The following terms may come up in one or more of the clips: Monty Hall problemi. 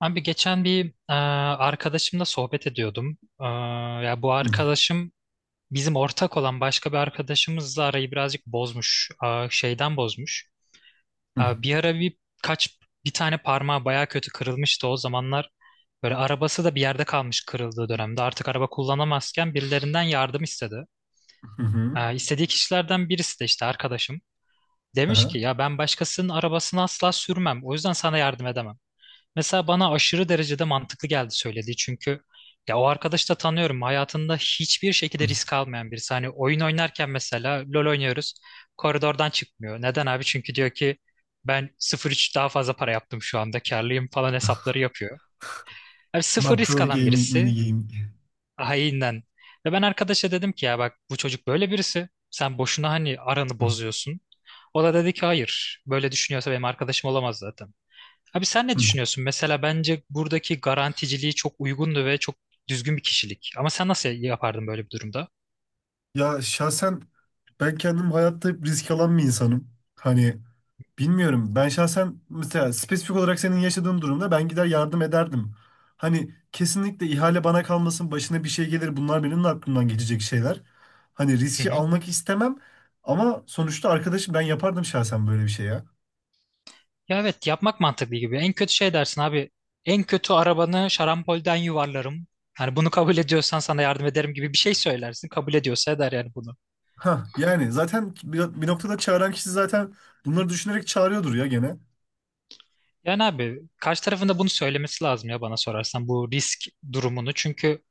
Abi geçen bir arkadaşımla sohbet ediyordum. Ya bu Hı arkadaşım bizim ortak olan başka bir arkadaşımızla arayı birazcık bozmuş. Şeyden bozmuş. hı Bir ara kaç bir tane parmağı baya kötü kırılmıştı o zamanlar. Böyle arabası da bir yerde kalmış kırıldığı dönemde. Artık araba kullanamazken birilerinden yardım istedi. hı hı. E, istediği kişilerden birisi de işte arkadaşım. Demiş ki Aha. ya ben başkasının arabasını asla sürmem. O yüzden sana yardım edemem. Mesela bana aşırı derecede mantıklı geldi söylediği, çünkü ya o arkadaşı da tanıyorum. Hayatında hiçbir Hı. şekilde risk almayan birisi. Hani oyun oynarken mesela LoL oynuyoruz. Koridordan çıkmıyor. Neden abi? Çünkü diyor ki ben 0,3 daha fazla para yaptım şu anda. Karlıyım falan hesapları yapıyor. Abi sıfır risk Makro alan gaming, mini birisi. gaming. Haininden. Ve ben arkadaşa dedim ki ya bak bu çocuk böyle birisi. Sen boşuna hani aranı Hı bozuyorsun. O da dedi ki hayır. Böyle düşünüyorsa benim arkadaşım olamaz zaten. Abi sen ne hı. düşünüyorsun? Mesela bence buradaki garanticiliği çok uygundu ve çok düzgün bir kişilik. Ama sen nasıl yapardın böyle bir durumda? Ya şahsen ben kendim hayatta hep risk alan bir insanım. Hani bilmiyorum ben şahsen mesela spesifik olarak senin yaşadığın durumda ben gider yardım ederdim. Hani kesinlikle ihale bana kalmasın başına bir şey gelir bunlar benim de aklımdan geçecek şeyler. Hani Hı riski hı. almak istemem ama sonuçta arkadaşım ben yapardım şahsen böyle bir şey ya. Ya evet, yapmak mantıklı gibi. En kötü şey dersin abi. En kötü arabanı şarampolden yuvarlarım. Hani bunu kabul ediyorsan sana yardım ederim gibi bir şey söylersin. Kabul ediyorsa eder yani bunu. Ha yani zaten bir noktada çağıran kişi zaten bunları düşünerek çağırıyordur ya gene. Yani abi karşı tarafında bunu söylemesi lazım, ya bana sorarsan bu risk durumunu. Çünkü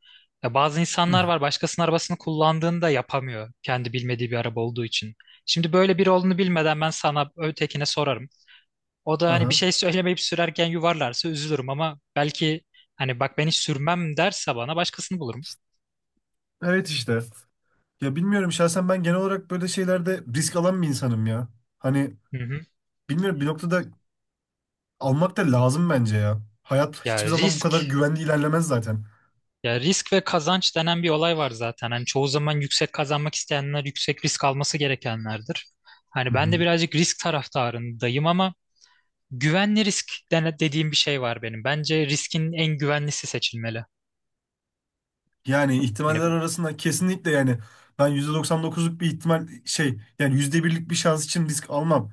ya bazı Hı. insanlar var, başkasının arabasını kullandığında yapamıyor kendi bilmediği bir araba olduğu için. Şimdi böyle biri olduğunu bilmeden ben sana ötekine sorarım. O da hani bir Aha. şey söylemeyip sürerken yuvarlarsa üzülürüm, ama belki hani bak ben hiç sürmem derse bana başkasını bulurum. Evet işte. Ya bilmiyorum şahsen ben genel olarak böyle şeylerde risk alan bir insanım ya. Hani Hı hı. bilmiyorum bir noktada almak da lazım bence ya. Hayat Ya hiçbir zaman bu kadar risk güvenli ilerlemez zaten. Ya risk ve kazanç denen bir olay var zaten. Hani çoğu zaman yüksek kazanmak isteyenler yüksek risk alması gerekenlerdir. Hani Hı ben de hı. birazcık risk taraftarındayım, ama güvenli risk dediğim bir şey var benim. Bence riskin en güvenlisi seçilmeli. Yani Hani ihtimaller arasında kesinlikle yani ben %99'luk bir ihtimal şey yani yüzde birlik bir şans için risk almam.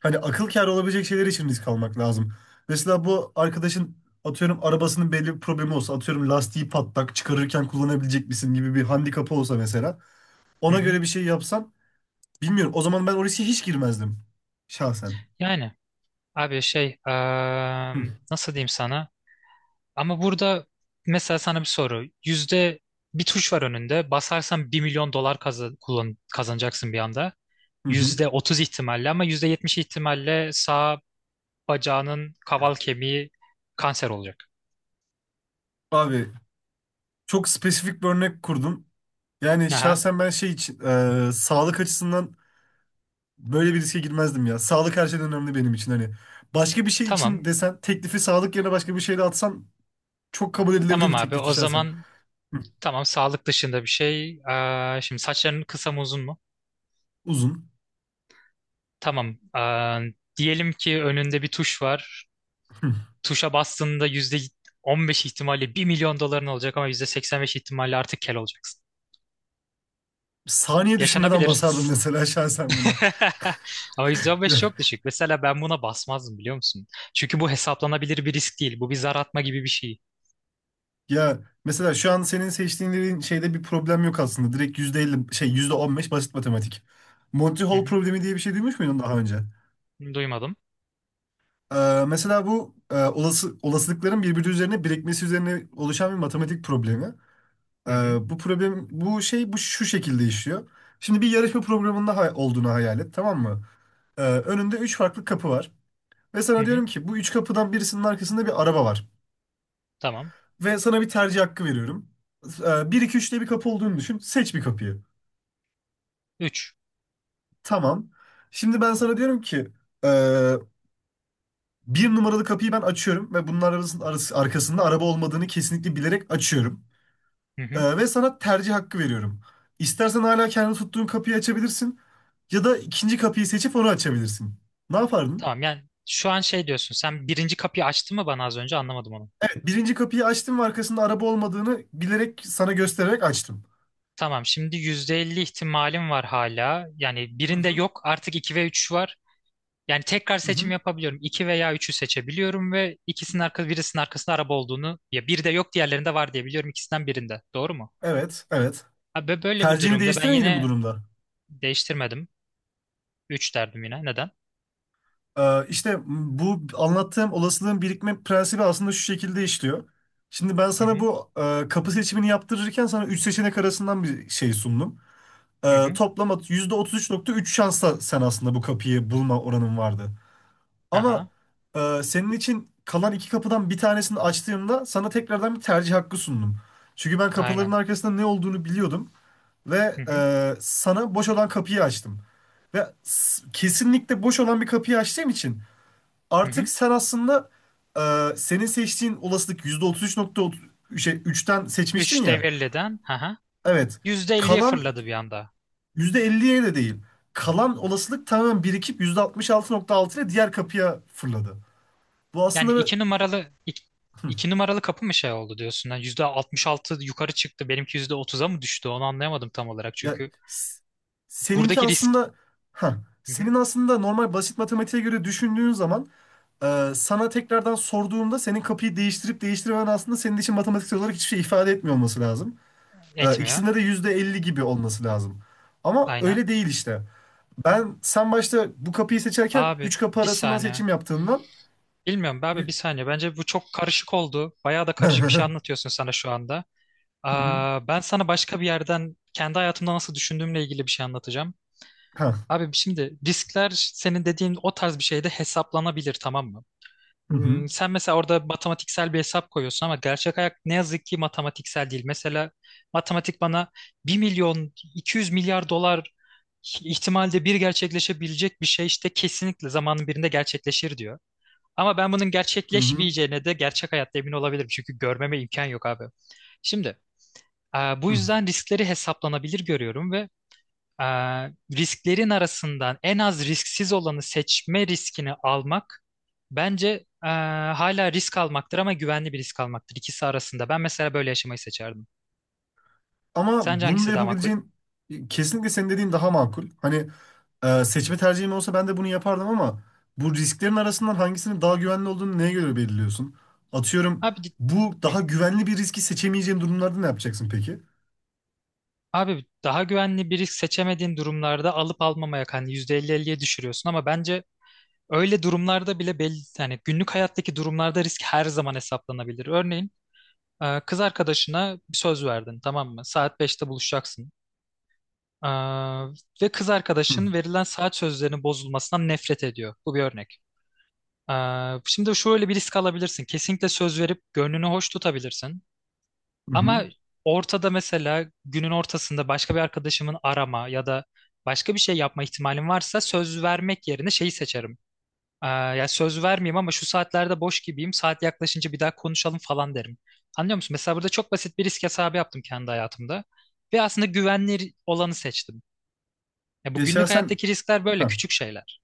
Hani akıl kârı olabilecek şeyler için risk almak lazım. Mesela bu arkadaşın atıyorum arabasının belli bir problemi olsa atıyorum lastiği patlak çıkarırken kullanabilecek misin gibi bir handikapı olsa mesela hı ona hı. göre bir şey yapsan bilmiyorum o zaman ben o riske hiç girmezdim şahsen. Yani abi şey, Hı, nasıl diyeyim sana? Ama burada mesela sana bir soru. Yüzde bir tuş var önünde. Basarsan $1.000.000 kazanacaksın bir anda. hı hı. %30 ihtimalle, ama %70 ihtimalle sağa bacağının kaval kemiği kanser olacak. Abi çok spesifik bir örnek kurdum. Yani Aha, şahsen ben şey için sağlık açısından böyle bir riske girmezdim ya. Sağlık her şeyden önemli benim için. Hani başka bir şey için tamam. desen teklifi sağlık yerine başka bir şeyle atsan çok kabul edilebilir Tamam bir abi, teklifti o şahsen. zaman Hı. tamam, sağlık dışında bir şey. Aa, şimdi saçların kısa mı, uzun mu? Uzun. Tamam. Aa, diyelim ki önünde bir tuş var. Hı. Tuşa bastığında %15 ihtimalle bir milyon doların olacak, ama %85 ihtimalle artık kel olacaksın. Saniye düşünmeden basardım Yaşanabilir. mesela şahsen buna. Ama %15 Ya, çok düşük. Mesela ben buna basmazdım, biliyor musun? Çünkü bu hesaplanabilir bir risk değil. Bu bir zar atma gibi bir şey. ya, mesela şu an senin seçtiğin şeyde bir problem yok aslında. Direkt %50 şey %15 basit matematik. Monty Hı Hall problemi diye bir şey duymuş muydun daha önce? hı. Duymadım. Mesela bu olasılıkların birbiri üzerine birikmesi üzerine oluşan bir matematik problemi. Hı hı. Bu problem bu şey bu Şu şekilde işliyor. Şimdi bir yarışma programında olduğunu hayal et, tamam mı? Önünde üç farklı kapı var. Ve Hı sana hı. diyorum ki bu üç kapıdan birisinin arkasında bir araba var. Tamam. Ve sana bir tercih hakkı veriyorum. 1, 2, 3 diye bir kapı olduğunu düşün. Seç bir kapıyı. Üç. Tamam. Şimdi ben sana diyorum ki ee, bir numaralı kapıyı ben açıyorum ve bunun arkasında araba olmadığını kesinlikle bilerek açıyorum. Hı hı. Ve sana tercih hakkı veriyorum. İstersen hala kendi tuttuğun kapıyı açabilirsin ya da ikinci kapıyı seçip onu açabilirsin. Ne yapardın? Tamam yani, şu an şey diyorsun, sen birinci kapıyı açtın mı, bana az önce anlamadım onu. Evet, birinci kapıyı açtım ve arkasında araba olmadığını bilerek sana göstererek açtım. Tamam, şimdi %50 ihtimalim var hala. Yani Hı birinde hı, yok artık, 2 ve 3 var. Yani tekrar hı seçim hı. yapabiliyorum. İki veya üçü seçebiliyorum ve ikisinin arka, birisinin arkasında araba olduğunu, ya biri de yok diğerlerinde var diye biliyorum ikisinden birinde. Doğru mu? Evet, evet. Abi böyle bir Tercihini durumda ben değiştirir miydin bu yine durumda? değiştirmedim. Üç derdim yine. Neden? İşte bu anlattığım olasılığın birikme prensibi aslında şu şekilde işliyor. Şimdi ben Hı sana hı. Kapı seçimini yaptırırken sana üç seçenek arasından bir şey sundum. Hı Ee, hı. toplam at- %33,3 şansla sen aslında bu kapıyı bulma oranın vardı. Ama Aha. Senin için kalan iki kapıdan bir tanesini açtığımda sana tekrardan bir tercih hakkı sundum. Çünkü ben kapıların Aynen. arkasında ne olduğunu biliyordum ve Hı hı. Sana boş olan kapıyı açtım. Ve kesinlikle boş olan bir kapıyı açtığım için Hı artık hı. sen aslında senin seçtiğin olasılık %33,3'ten seçmiştin 3 ya. devirliden. Aha. Evet. %50'ye Kalan fırladı bir anda. %50'ye de değil. Kalan olasılık tamamen birikip %66,6 ile diğer kapıya fırladı. Bu Yani aslında... iki numaralı iki, Hı. iki numaralı kapı mı şey oldu diyorsun? Yani %66 yukarı çıktı. Benimki %30'a mı düştü? Onu anlayamadım tam olarak. ya Çünkü s- seninki buradaki risk. aslında ha Hı hı. senin aslında normal basit matematiğe göre düşündüğün zaman sana tekrardan sorduğumda senin kapıyı değiştirip değiştirmemen aslında senin için matematiksel olarak hiçbir şey ifade etmiyor olması lazım. E, Etmiyor. ikisinde de %50 gibi olması lazım. Ama Aynen. öyle değil işte. Ben sen başta bu kapıyı seçerken Abi 3 kapı bir arasından saniye. seçim yaptığından... Bilmiyorum be abi, bir saniye. Bence bu çok karışık oldu. Bayağı da karışık bir şey anlatıyorsun sana şu anda. Aa, ben sana başka bir yerden kendi hayatımda nasıl düşündüğümle ilgili bir şey anlatacağım. Ha. Abi şimdi riskler senin dediğin o tarz bir şeyde hesaplanabilir, tamam mı? Hı hı. Sen mesela orada matematiksel bir hesap koyuyorsun, ama gerçek hayat ne yazık ki matematiksel değil. Mesela matematik bana bir milyon 200 milyar dolar ihtimalde bir gerçekleşebilecek bir şey işte kesinlikle zamanın birinde gerçekleşir diyor. Ama ben bunun Hı hı. gerçekleşmeyeceğine de gerçek hayatta emin olabilirim. Çünkü görmeme imkan yok abi. Şimdi bu Hı. yüzden riskleri hesaplanabilir görüyorum ve ee, risklerin arasından en az risksiz olanı seçme riskini almak bence e, hala risk almaktır, ama güvenli bir risk almaktır ikisi arasında. Ben mesela böyle yaşamayı seçerdim. Ama Sence bunu da hangisi daha makul? yapabileceğin kesinlikle senin dediğin daha makul. Hani seçme tercihim olsa ben de bunu yapardım ama bu risklerin arasından hangisinin daha güvenli olduğunu neye göre belirliyorsun? Atıyorum Abi, bu hı. daha güvenli bir riski seçemeyeceğin durumlarda ne yapacaksın peki? Abi daha güvenli bir risk seçemediğin durumlarda alıp almamaya hani %50-50'ye düşürüyorsun, ama bence öyle durumlarda bile belli hani günlük hayattaki durumlarda risk her zaman hesaplanabilir. Örneğin kız arkadaşına bir söz verdin, tamam mı? Saat beşte buluşacaksın. Ee, ve kız Hı arkadaşın verilen saat sözlerinin bozulmasından nefret ediyor. Bu bir örnek. Şimdi şöyle bir risk alabilirsin. Kesinlikle söz verip gönlünü hoş tutabilirsin. hı. Ama Hı. ortada mesela günün ortasında başka bir arkadaşımın arama ya da başka bir şey yapma ihtimalim varsa söz vermek yerine şeyi seçerim. Ya söz vermeyeyim, ama şu saatlerde boş gibiyim. Saat yaklaşınca bir daha konuşalım falan derim. Anlıyor musun? Mesela burada çok basit bir risk hesabı yaptım kendi hayatımda. Ve aslında güvenli olanı seçtim. Ya bu günlük hayattaki riskler böyle küçük şeyler.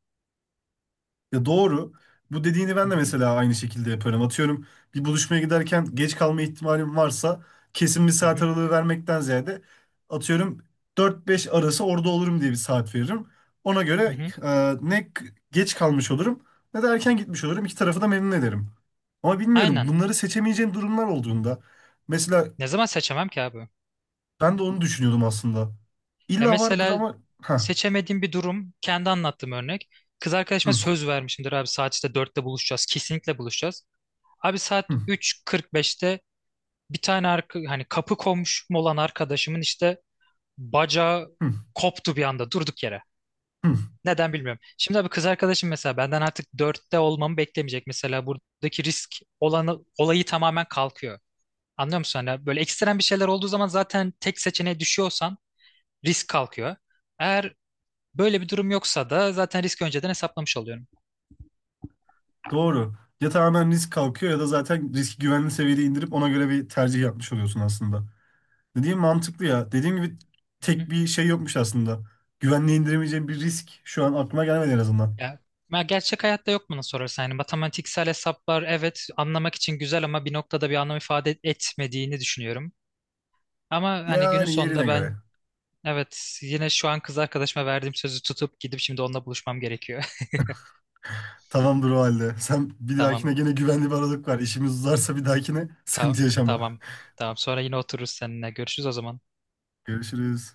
Ya doğru. Bu dediğini Hı ben de hı, mesela aynı şekilde yaparım. Atıyorum bir buluşmaya giderken geç kalma ihtimalim varsa kesin bir hı saat hı, aralığı vermekten ziyade atıyorum dört beş arası orada olurum diye bir saat veririm. Ona hı göre hı. e, ne k- geç kalmış olurum ne de erken gitmiş olurum. İki tarafı da memnun ederim. Ama bilmiyorum Aynen. bunları seçemeyeceğim durumlar olduğunda. Mesela Ne zaman seçemem ki abi? ben de onu düşünüyordum aslında. Ya İlla vardır mesela ama... Hah. seçemediğim bir durum, kendi anlattığım örnek. Kız arkadaşıma Hı, söz vermişimdir abi, saat işte dörtte buluşacağız. Kesinlikle buluşacağız. Abi saat hı, üç kırk beşte bir tane hani kapı komşum olan arkadaşımın işte bacağı hı, koptu bir anda, durduk yere. hı. Neden bilmiyorum. Şimdi abi kız arkadaşım mesela benden artık dörtte olmamı beklemeyecek. Mesela buradaki risk olanı, olayı tamamen kalkıyor. Anlıyor musun? Hani böyle ekstrem bir şeyler olduğu zaman zaten tek seçeneğe düşüyorsan risk kalkıyor. Eğer böyle bir durum yoksa da zaten risk önceden hesaplamış oluyorum. Doğru. Ya tamamen risk kalkıyor ya da zaten riski güvenli seviyede indirip ona göre bir tercih yapmış oluyorsun aslında. Dediğim mantıklı ya. Dediğim gibi Hı hı. tek bir şey yokmuş aslında. Güvenli indiremeyeceğim bir risk şu an aklıma gelmedi en azından. Ya, ya gerçek hayatta yok bana sorarsan. Yani matematiksel hesaplar, evet, anlamak için güzel, ama bir noktada bir anlam ifade etmediğini düşünüyorum. Ama hani günün Yani yerine sonunda göre. ben evet, yine şu an kız arkadaşıma verdiğim sözü tutup gidip şimdi onunla buluşmam gerekiyor. Tamamdır o halde. Sen bir Tamam, dahakine gene güvenli bir aralık var. İşimiz uzarsa bir dahakine tamam, sıkıntı yaşama. tamam, tamam. Sonra yine otururuz seninle. Görüşürüz o zaman. Görüşürüz.